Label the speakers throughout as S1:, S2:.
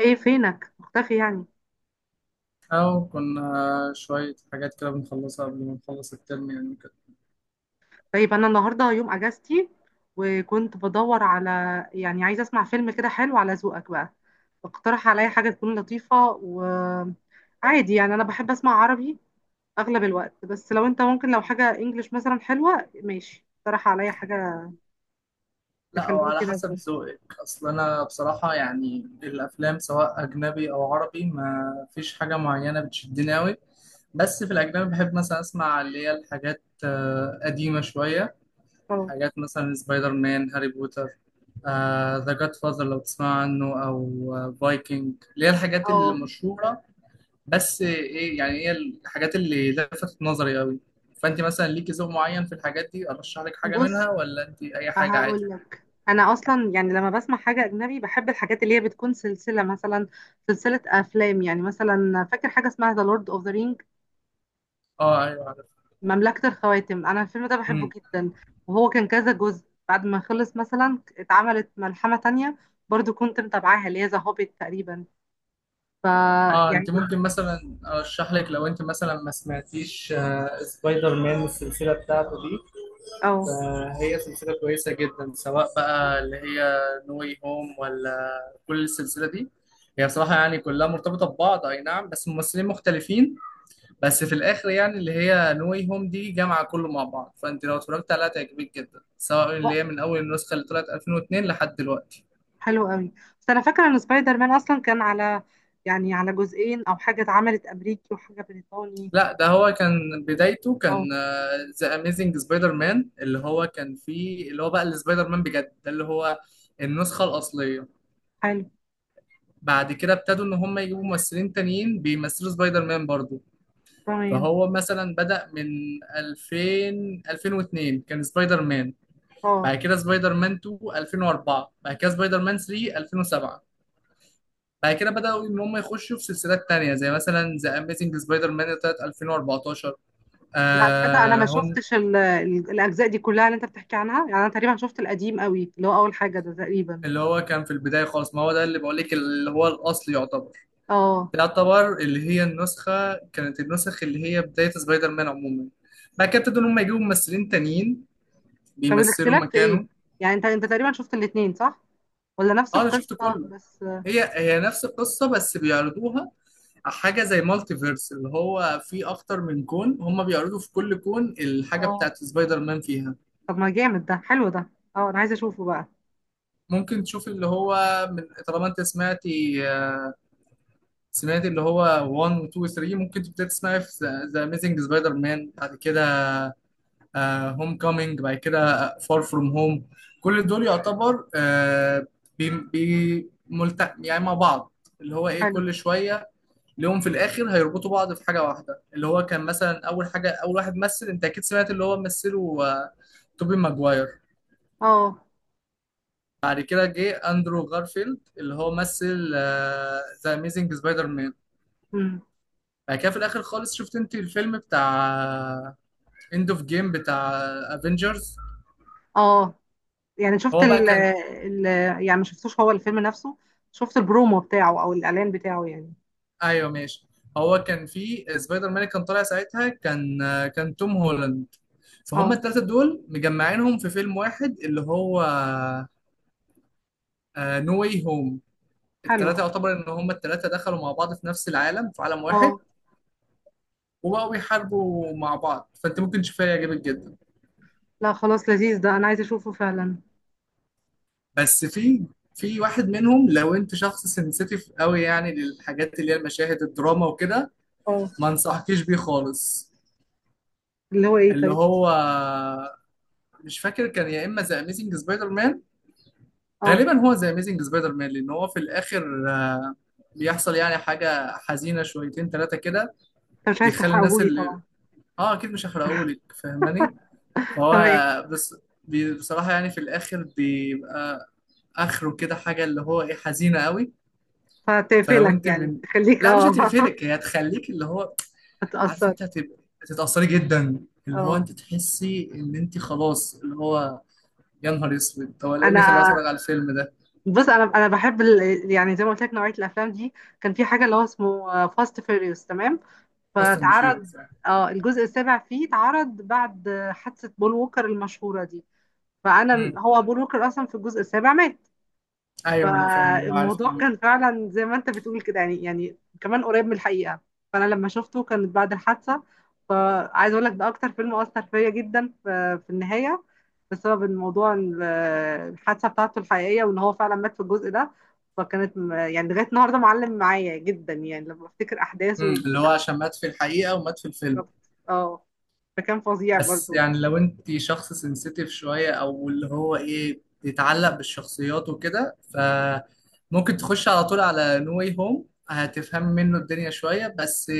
S1: ايه فينك مختفي يعني؟
S2: أو كنا شوية حاجات كده بنخلصها قبل ما نخلص الترم يعني كده.
S1: طيب انا النهارده يوم اجازتي وكنت بدور على، يعني عايزه اسمع فيلم كده حلو على ذوقك بقى. اقترح عليا حاجه تكون لطيفه. وعادي يعني انا بحب اسمع عربي اغلب الوقت، بس لو انت ممكن لو حاجه انجليش مثلا حلوه ماشي اقترح عليا حاجه
S2: لا،
S1: تخليني
S2: وعلى
S1: كده.
S2: حسب
S1: بص،
S2: ذوقك. أصل أنا بصراحة يعني الأفلام سواء أجنبي أو عربي ما فيش حاجة معينة بتشدني أوي. بس في الأجنبي بحب مثلا أسمع اللي هي الحاجات قديمة شوية.
S1: اه.
S2: حاجات مثلا سبايدر مان، هاري بوتر، ذا جاد فاذر لو تسمع عنه، أو فايكنج، اللي هي الحاجات
S1: آه،
S2: المشهورة. بس ايه، يعني هي الحاجات اللي لفتت نظري قوي. فانت مثلا ليكي ذوق معين في الحاجات دي ارشح لك حاجه
S1: بص
S2: منها، ولا انت اي حاجه عادي؟
S1: هقول لك انا اصلا يعني لما بسمع حاجه اجنبي بحب الحاجات اللي هي بتكون سلسله، مثلا سلسله افلام. يعني مثلا فاكر حاجه اسمها ذا لورد اوف ذا رينج،
S2: اه، ايوه عارف.
S1: مملكة الخواتم. أنا الفيلم ده بحبه
S2: امم.
S1: جدا. وهو كان كذا جزء، بعد ما خلص مثلا اتعملت ملحمة تانية برضو كنت متابعاها اللي هي ذا هوبيت تقريبا. ف
S2: اه، انت
S1: يعني
S2: ممكن مثلا ارشح لك، لو انت مثلا ما سمعتيش سبايدر مان السلسله بتاعته دي.
S1: اه.
S2: فهي سلسله كويسه جدا، سواء بقى اللي هي نو واي هوم، ولا كل السلسله دي. هي بصراحه يعني كلها مرتبطه ببعض، اي نعم، بس ممثلين مختلفين. بس في الاخر يعني اللي هي نوي هوم دي جامعه كله مع بعض، فانت لو اتفرجت عليها تعجبك جدا، سواء
S1: و-
S2: اللي هي من اول النسخه اللي طلعت 2002 لحد دلوقتي.
S1: حلو قوي. بس أنا فاكرة إن سبايدر مان أصلا كان على يعني على جزئين أو حاجة، اتعملت أمريكي وحاجة بريطاني.
S2: لا، ده هو كان بدايته، كان
S1: اه،
S2: ذا اميزنج سبايدر مان، اللي هو كان فيه اللي هو بقى السبايدر مان بجد، ده اللي هو النسخه الاصليه.
S1: حلو.
S2: بعد كده ابتدوا ان هم يجيبوا ممثلين تانيين بيمثلوا سبايدر مان برضو.
S1: تمام.
S2: فهو مثلا بدأ من 2000 2002 كان سبايدر مان،
S1: اه،
S2: بعد كده سبايدر مان 2 2004، بعد كده سبايدر مان 3 2007. بعد كده بدأوا إن هم يخشوا في سلسلات تانية، زي مثلا ذا أميزنج سبايدر مان اللي طلعت 2014.
S1: لا تصدق أنا
S2: آه
S1: ما
S2: هم
S1: شفتش الأجزاء دي كلها اللي أنت بتحكي عنها. يعني أنا تقريبا شفت القديم قوي اللي هو أول حاجة ده تقريبا.
S2: اللي هو كان في البداية خالص، ما هو ده اللي بقول لك، اللي هو الأصل يعتبر.
S1: اه.
S2: ده يعتبر اللي هي النسخ اللي هي بداية سبايدر مان عموما. بعد كده ابتدوا إن هم يجيبوا ممثلين تانيين
S1: طب
S2: بيمثلوا
S1: الاختلاف في ايه؟
S2: مكانه.
S1: يعني انت تقريبا شفت الاتنين، صح؟ ولا نفس
S2: اه، انا شفت
S1: القصة
S2: كله.
S1: بس؟
S2: هي نفس القصة بس بيعرضوها حاجة زي مالتي فيرس، اللي هو في أكتر من كون، هما بيعرضوا في كل كون الحاجة
S1: اه.
S2: بتاعت سبايدر مان فيها.
S1: طب ما جامد ده، حلو ده. اه انا عايزة اشوفه بقى.
S2: ممكن تشوف اللي هو، من طالما أنت سمعت اللي هو 1 و 2 و 3، ممكن تبدأ تسمعي في ذا أميزنج سبايدر مان، بعد كده هوم كومينج، بعد كده فار فروم هوم. كل دول يعتبر يعني مع بعض، اللي هو إيه
S1: حلو.
S2: كل شوية ليهم في الاخر هيربطوا بعض في حاجه واحده. اللي هو كان مثلا اول حاجه، اول واحد مثل، انت اكيد سمعت اللي هو مثله، توبي ماجواير.
S1: اه.
S2: بعد كده جه اندرو غارفيلد، اللي هو مثل ذا اميزنج سبايدر مان.
S1: امم
S2: بعد كده في الاخر خالص، شفت انت الفيلم بتاع اند اوف جيم بتاع افنجرز.
S1: اه، يعني شفت
S2: هو بقى
S1: ال
S2: كان...
S1: ال يعني ما شفتوش هو الفيلم نفسه، شفت البرومو بتاعه او الاعلان بتاعه يعني.
S2: ايوه ماشي. هو كان في سبايدر مان، كان طالع ساعتها، كان توم هولاند. فهم
S1: اه،
S2: الثلاثه دول مجمعينهم في فيلم واحد، اللي هو نو واي هوم.
S1: حلو.
S2: التلاتة
S1: اه.
S2: يعتبر إن هما التلاتة دخلوا مع بعض في نفس العالم، في عالم واحد.
S1: آه.
S2: وبقوا بيحاربوا مع بعض، فأنت ممكن تشوفها يعجبك جدا.
S1: لا خلاص، لذيذ ده انا عايزة اشوفه فعلا.
S2: بس في واحد منهم، لو أنت شخص سنسيتيف قوي يعني للحاجات اللي هي المشاهد الدراما وكده،
S1: اه،
S2: ما أنصحكيش بيه خالص.
S1: اللي هو ايه
S2: اللي
S1: طيب؟
S2: هو مش فاكر، كان يا إما ذا أميزنج سبايدر مان،
S1: اه،
S2: غالبا هو ذا أميزنج سبايدر مان. لأن هو في الآخر بيحصل يعني حاجة حزينة شويتين تلاتة كده.
S1: انت مش عايز
S2: بيخلي الناس
S1: تحرقهولي
S2: اللي...
S1: طبعا.
S2: اه، اكيد مش هحرقهولك، فاهماني. فهو
S1: تمام.
S2: بس بصراحة يعني في الآخر بيبقى آخره كده حاجة، اللي هو إيه، حزينة قوي. فلو
S1: فتقفلك
S2: أنت
S1: يعني،
S2: من...
S1: تخليك
S2: لا مش
S1: اه.
S2: هتقفلك، هي هتخليك اللي هو، عارفة
S1: هتأثر.
S2: أنت هتبقى، هتتأثري جدا. اللي هو
S1: اه.
S2: أنت تحسي إن أنت خلاص اللي هو، يا نهار أسود طب أنا إيه اللي خلاني
S1: انا،
S2: أتفرج على الفيلم ده.
S1: بص انا بحب ال... يعني زي ما قلت لك نوعيه الافلام دي. كان في حاجه اللي هو اسمه فاست فيريوس، تمام؟
S2: فاست أند
S1: فتعرض،
S2: فيوريوس.
S1: اه، الجزء السابع فيه اتعرض بعد حادثه بول ووكر المشهوره دي. فانا، هو بول ووكر اصلا في الجزء السابع مات.
S2: أيوه أنا فاهم، أنا عارف
S1: فالموضوع
S2: المهم.
S1: كان فعلا زي ما انت بتقول كده، يعني كمان قريب من الحقيقة. فانا لما شفته كانت بعد الحادثة. فعايز اقول لك ده اكتر فيلم اثر فيا جدا في النهاية، بسبب الموضوع الحادثة بتاعته الحقيقية، وان هو فعلا مات في الجزء ده. فكانت يعني لغاية النهاردة معلم معايا جدا يعني لما افتكر احداثه وكل
S2: اللي هو
S1: حاجة.
S2: عشان مات في الحقيقة ومات في الفيلم.
S1: اه. فكان فظيع
S2: بس
S1: برضو.
S2: يعني لو انت شخص سنسيتيف شوية، او اللي هو ايه بيتعلق بالشخصيات وكده، فممكن تخش على طول على نو واي هوم، هتفهم منه الدنيا شوية بس.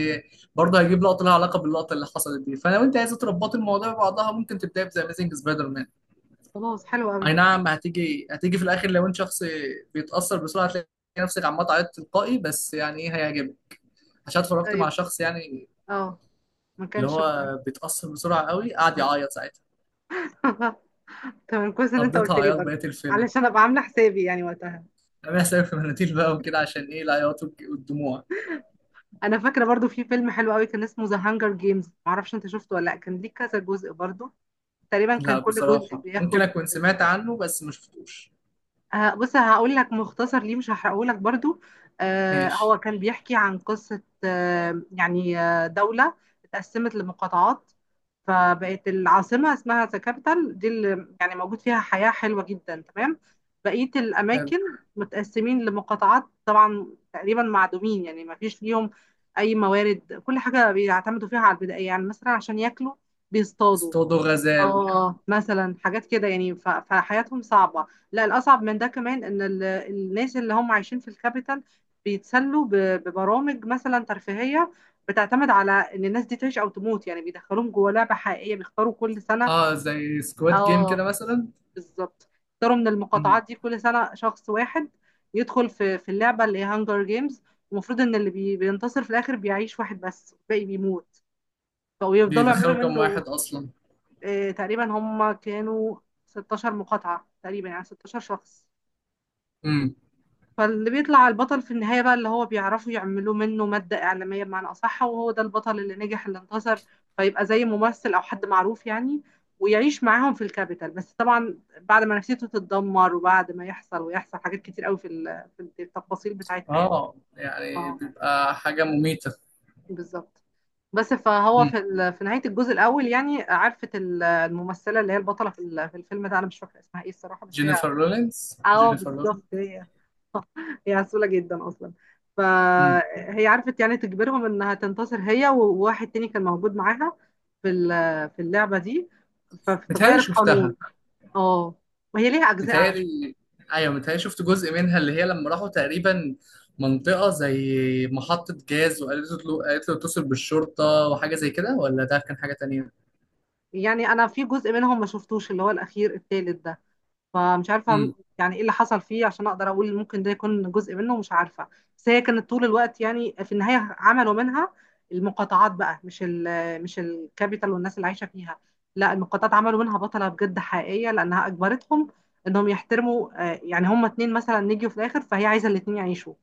S2: برضه هيجيب لقطة لها علاقة باللقطة اللي حصلت دي، فلو انت عايزة تربطي الموضوع ببعضها ممكن تبدأي بذا اميزنج سبايدر مان.
S1: خلاص حلو قوي.
S2: اي نعم، هتيجي في الاخر، لو انت شخص بيتأثر بسرعة هتلاقي نفسك عمال تعيط تلقائي، بس يعني ايه، هيعجبك. عشان اتفرجت مع
S1: طيب،
S2: شخص يعني
S1: اه، ما
S2: اللي
S1: كانش
S2: هو
S1: متعب.
S2: بيتأثر بسرعة قوي، قعد يعيط ساعتها.
S1: تمام، كويس ان انت قلت
S2: قضيتها
S1: لي
S2: عياط
S1: برضه
S2: بقية الفيلم.
S1: علشان ابقى عامله حسابي يعني وقتها.
S2: انا بحسب في مناديل بقى وكده، عشان ايه، العياط والدموع.
S1: انا فاكره برضه في فيلم حلو قوي كان اسمه ذا هانجر جيمز، معرفش انت شفته ولا لا. كان ليه كذا جزء برضه، تقريبا كان
S2: لا
S1: كل جزء
S2: بصراحة ممكن
S1: بياخد.
S2: اكون سمعت عنه بس ما شفتوش.
S1: بص هقول لك مختصر ليه، مش هحرقه لك برضو. آه
S2: ماشي.
S1: هو كان بيحكي عن قصة، آه يعني آه دولة اتقسمت لمقاطعات. فبقت العاصمة اسمها ذا كابيتال دي اللي يعني موجود فيها حياة حلوة جدا، تمام. بقية
S2: حلو.
S1: الأماكن متقسمين لمقاطعات طبعا، تقريبا معدومين يعني ما فيش ليهم أي موارد. كل حاجة بيعتمدوا فيها على البدائية، يعني مثلا عشان ياكلوا بيصطادوا.
S2: اصطادوا غزال.
S1: اه مثلا حاجات كده يعني. فحياتهم صعبة. لا الأصعب من ده كمان إن الناس اللي هم عايشين في الكابيتال بيتسلوا ببرامج مثلا ترفيهية، بتعتمد على إن الناس دي تعيش أو تموت. يعني بيدخلوهم جوه لعبة حقيقية، بيختاروا كل سنة.
S2: اه، زي سكواد جيم
S1: اه
S2: كده مثلا.
S1: بالظبط، بيختاروا من
S2: مم.
S1: المقاطعات دي كل سنة شخص واحد يدخل في اللعبة اللي هي هانجر جيمز. المفروض إن اللي بينتصر في الآخر بيعيش، واحد بس والباقي بيموت. فبيفضلوا يعملوا
S2: بيدخلوا كام واحد
S1: منه،
S2: اصلا؟
S1: تقريبا هم كانوا 16 مقاطعة، تقريبا يعني 16 شخص.
S2: مم.
S1: فاللي بيطلع البطل في النهاية بقى اللي هو بيعرفوا يعملوا منه مادة إعلامية بمعنى أصح، وهو ده البطل اللي نجح اللي انتصر. فيبقى زي ممثل أو حد معروف يعني، ويعيش معاهم في الكابيتال، بس طبعا بعد ما نفسيته تتدمر وبعد ما يحصل ويحصل حاجات كتير قوي في في التفاصيل بتاعتها يعني.
S2: اه، يعني
S1: اه
S2: بيبقى حاجة مميتة.
S1: بالظبط. بس فهو
S2: مم.
S1: في في نهاية الجزء الأول، يعني عرفت الممثلة اللي هي البطلة في في الفيلم ده، أنا مش فاكرة اسمها إيه الصراحة بس هي.
S2: جينيفر لورنس،
S1: اه
S2: جينيفر
S1: بالظبط
S2: لورنس.
S1: هي. هي عسولة جدا اصلا.
S2: مم.
S1: فهي عرفت يعني تجبرهم انها تنتصر هي وواحد تاني كان موجود معاها في في اللعبة دي. فتغير
S2: متهيألي
S1: القانون.
S2: شفتها.
S1: اه. وهي ليها اجزاء على فكرة.
S2: متهيألي، أيوة متهيألي شفت جزء منها، اللي هي لما راحوا تقريبا منطقة زي محطة جاز، وقالت له، قالت له اتصل بالشرطة وحاجة زي كده، ولا ده كان حاجة تانية؟
S1: يعني انا في جزء منهم ما شفتوش اللي هو الاخير التالت ده، فمش عارفة
S2: امم.
S1: يعني ايه اللي حصل فيه عشان اقدر اقول ممكن ده يكون جزء منه، مش عارفة. بس هي كانت طول الوقت يعني، في النهاية عملوا منها المقاطعات بقى، مش الكابيتال والناس اللي عايشة فيها، لا المقاطعات عملوا منها بطلة بجد حقيقية، لانها اجبرتهم انهم يحترموا، يعني هما اتنين مثلا نجوا في الاخر فهي عايزة الاتنين يعيشوا.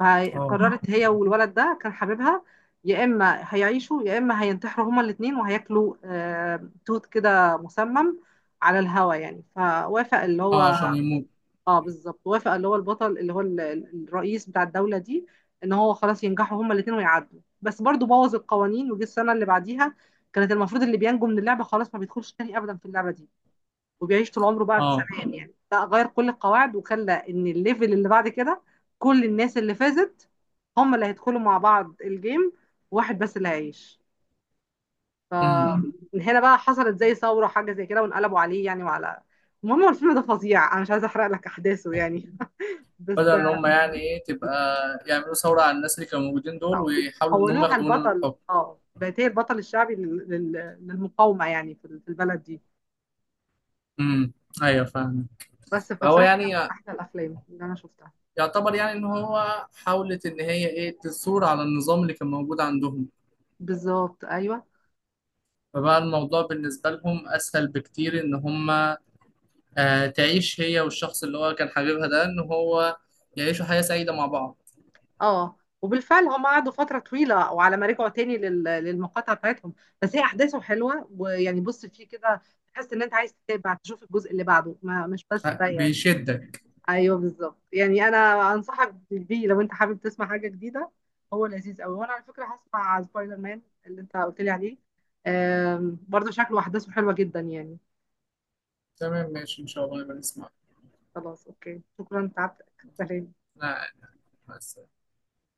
S2: اه.
S1: قررت هي والولد ده كان حبيبها، يا اما هيعيشوا يا اما هينتحروا هما الاثنين، وهياكلوا توت كده مسمم على الهوا يعني. فوافق اللي
S2: اه،
S1: هو،
S2: عشان يموت.
S1: اه بالظبط، وافق اللي هو البطل اللي هو الرئيس بتاع الدولة دي، ان هو خلاص ينجحوا هما الاثنين ويعدوا. بس برضو بوظ القوانين، وجه السنة اللي بعديها كانت المفروض اللي بينجو من اللعبة خلاص ما بيدخلش تاني ابدا في اللعبة دي وبيعيش طول عمره بقى في
S2: اه.
S1: سلام يعني، لا غير كل القواعد وخلى ان الليفل اللي بعد كده كل الناس اللي فازت هم اللي هيدخلوا مع بعض الجيم، واحد بس اللي هيعيش.
S2: امم.
S1: فمن هنا بقى حصلت زي ثورة حاجة زي كده، وانقلبوا عليه يعني وعلى، المهم هو الفيلم ده فظيع انا مش عايزة احرق لك احداثه يعني.
S2: بدل
S1: بس
S2: إن هم يعني إيه تبقى، يعملوا ثورة على الناس اللي كانوا موجودين دول، ويحاولوا إن هم
S1: حولوها
S2: ياخدوا منهم
S1: البطل،
S2: الحكم.
S1: اه بقت هي البطل الشعبي للمقاومة يعني في البلد دي.
S2: امم. أيوة فاهم.
S1: بس
S2: فهو
S1: فبصراحة كان
S2: يعني
S1: من احلى الافلام اللي انا شفتها.
S2: يعتبر يعني إن هو حاولت إن هي إيه تثور على النظام اللي كان موجود عندهم.
S1: بالظبط ايوه.
S2: فبقى الموضوع بالنسبة لهم أسهل بكتير إن هما تعيش هي والشخص اللي هو كان حبيبها ده إن هو يعيشوا حياة سعيدة مع بعض.
S1: اه وبالفعل هم قعدوا فترة طويلة، وعلى ما رجعوا تاني للمقاطعة بتاعتهم. بس هي أحداثه حلوة، ويعني بص فيه كده، تحس إن أنت عايز تتابع تشوف الجزء اللي بعده، ما مش بس ده يعني.
S2: بيشدك.
S1: أيوه بالظبط يعني، أنا أنصحك بيه لو أنت حابب تسمع حاجة جديدة. هو لذيذ أوي. وأنا على فكرة هسمع سبايدر مان اللي أنت قلت لي عليه، برضه شكله أحداثه حلوة جدا يعني.
S2: تمام ماشي إن شاء الله نبقى نسمع.
S1: خلاص أوكي، شكرا تعبتك. سلام.
S2: أنا قاعد. مع السلامة.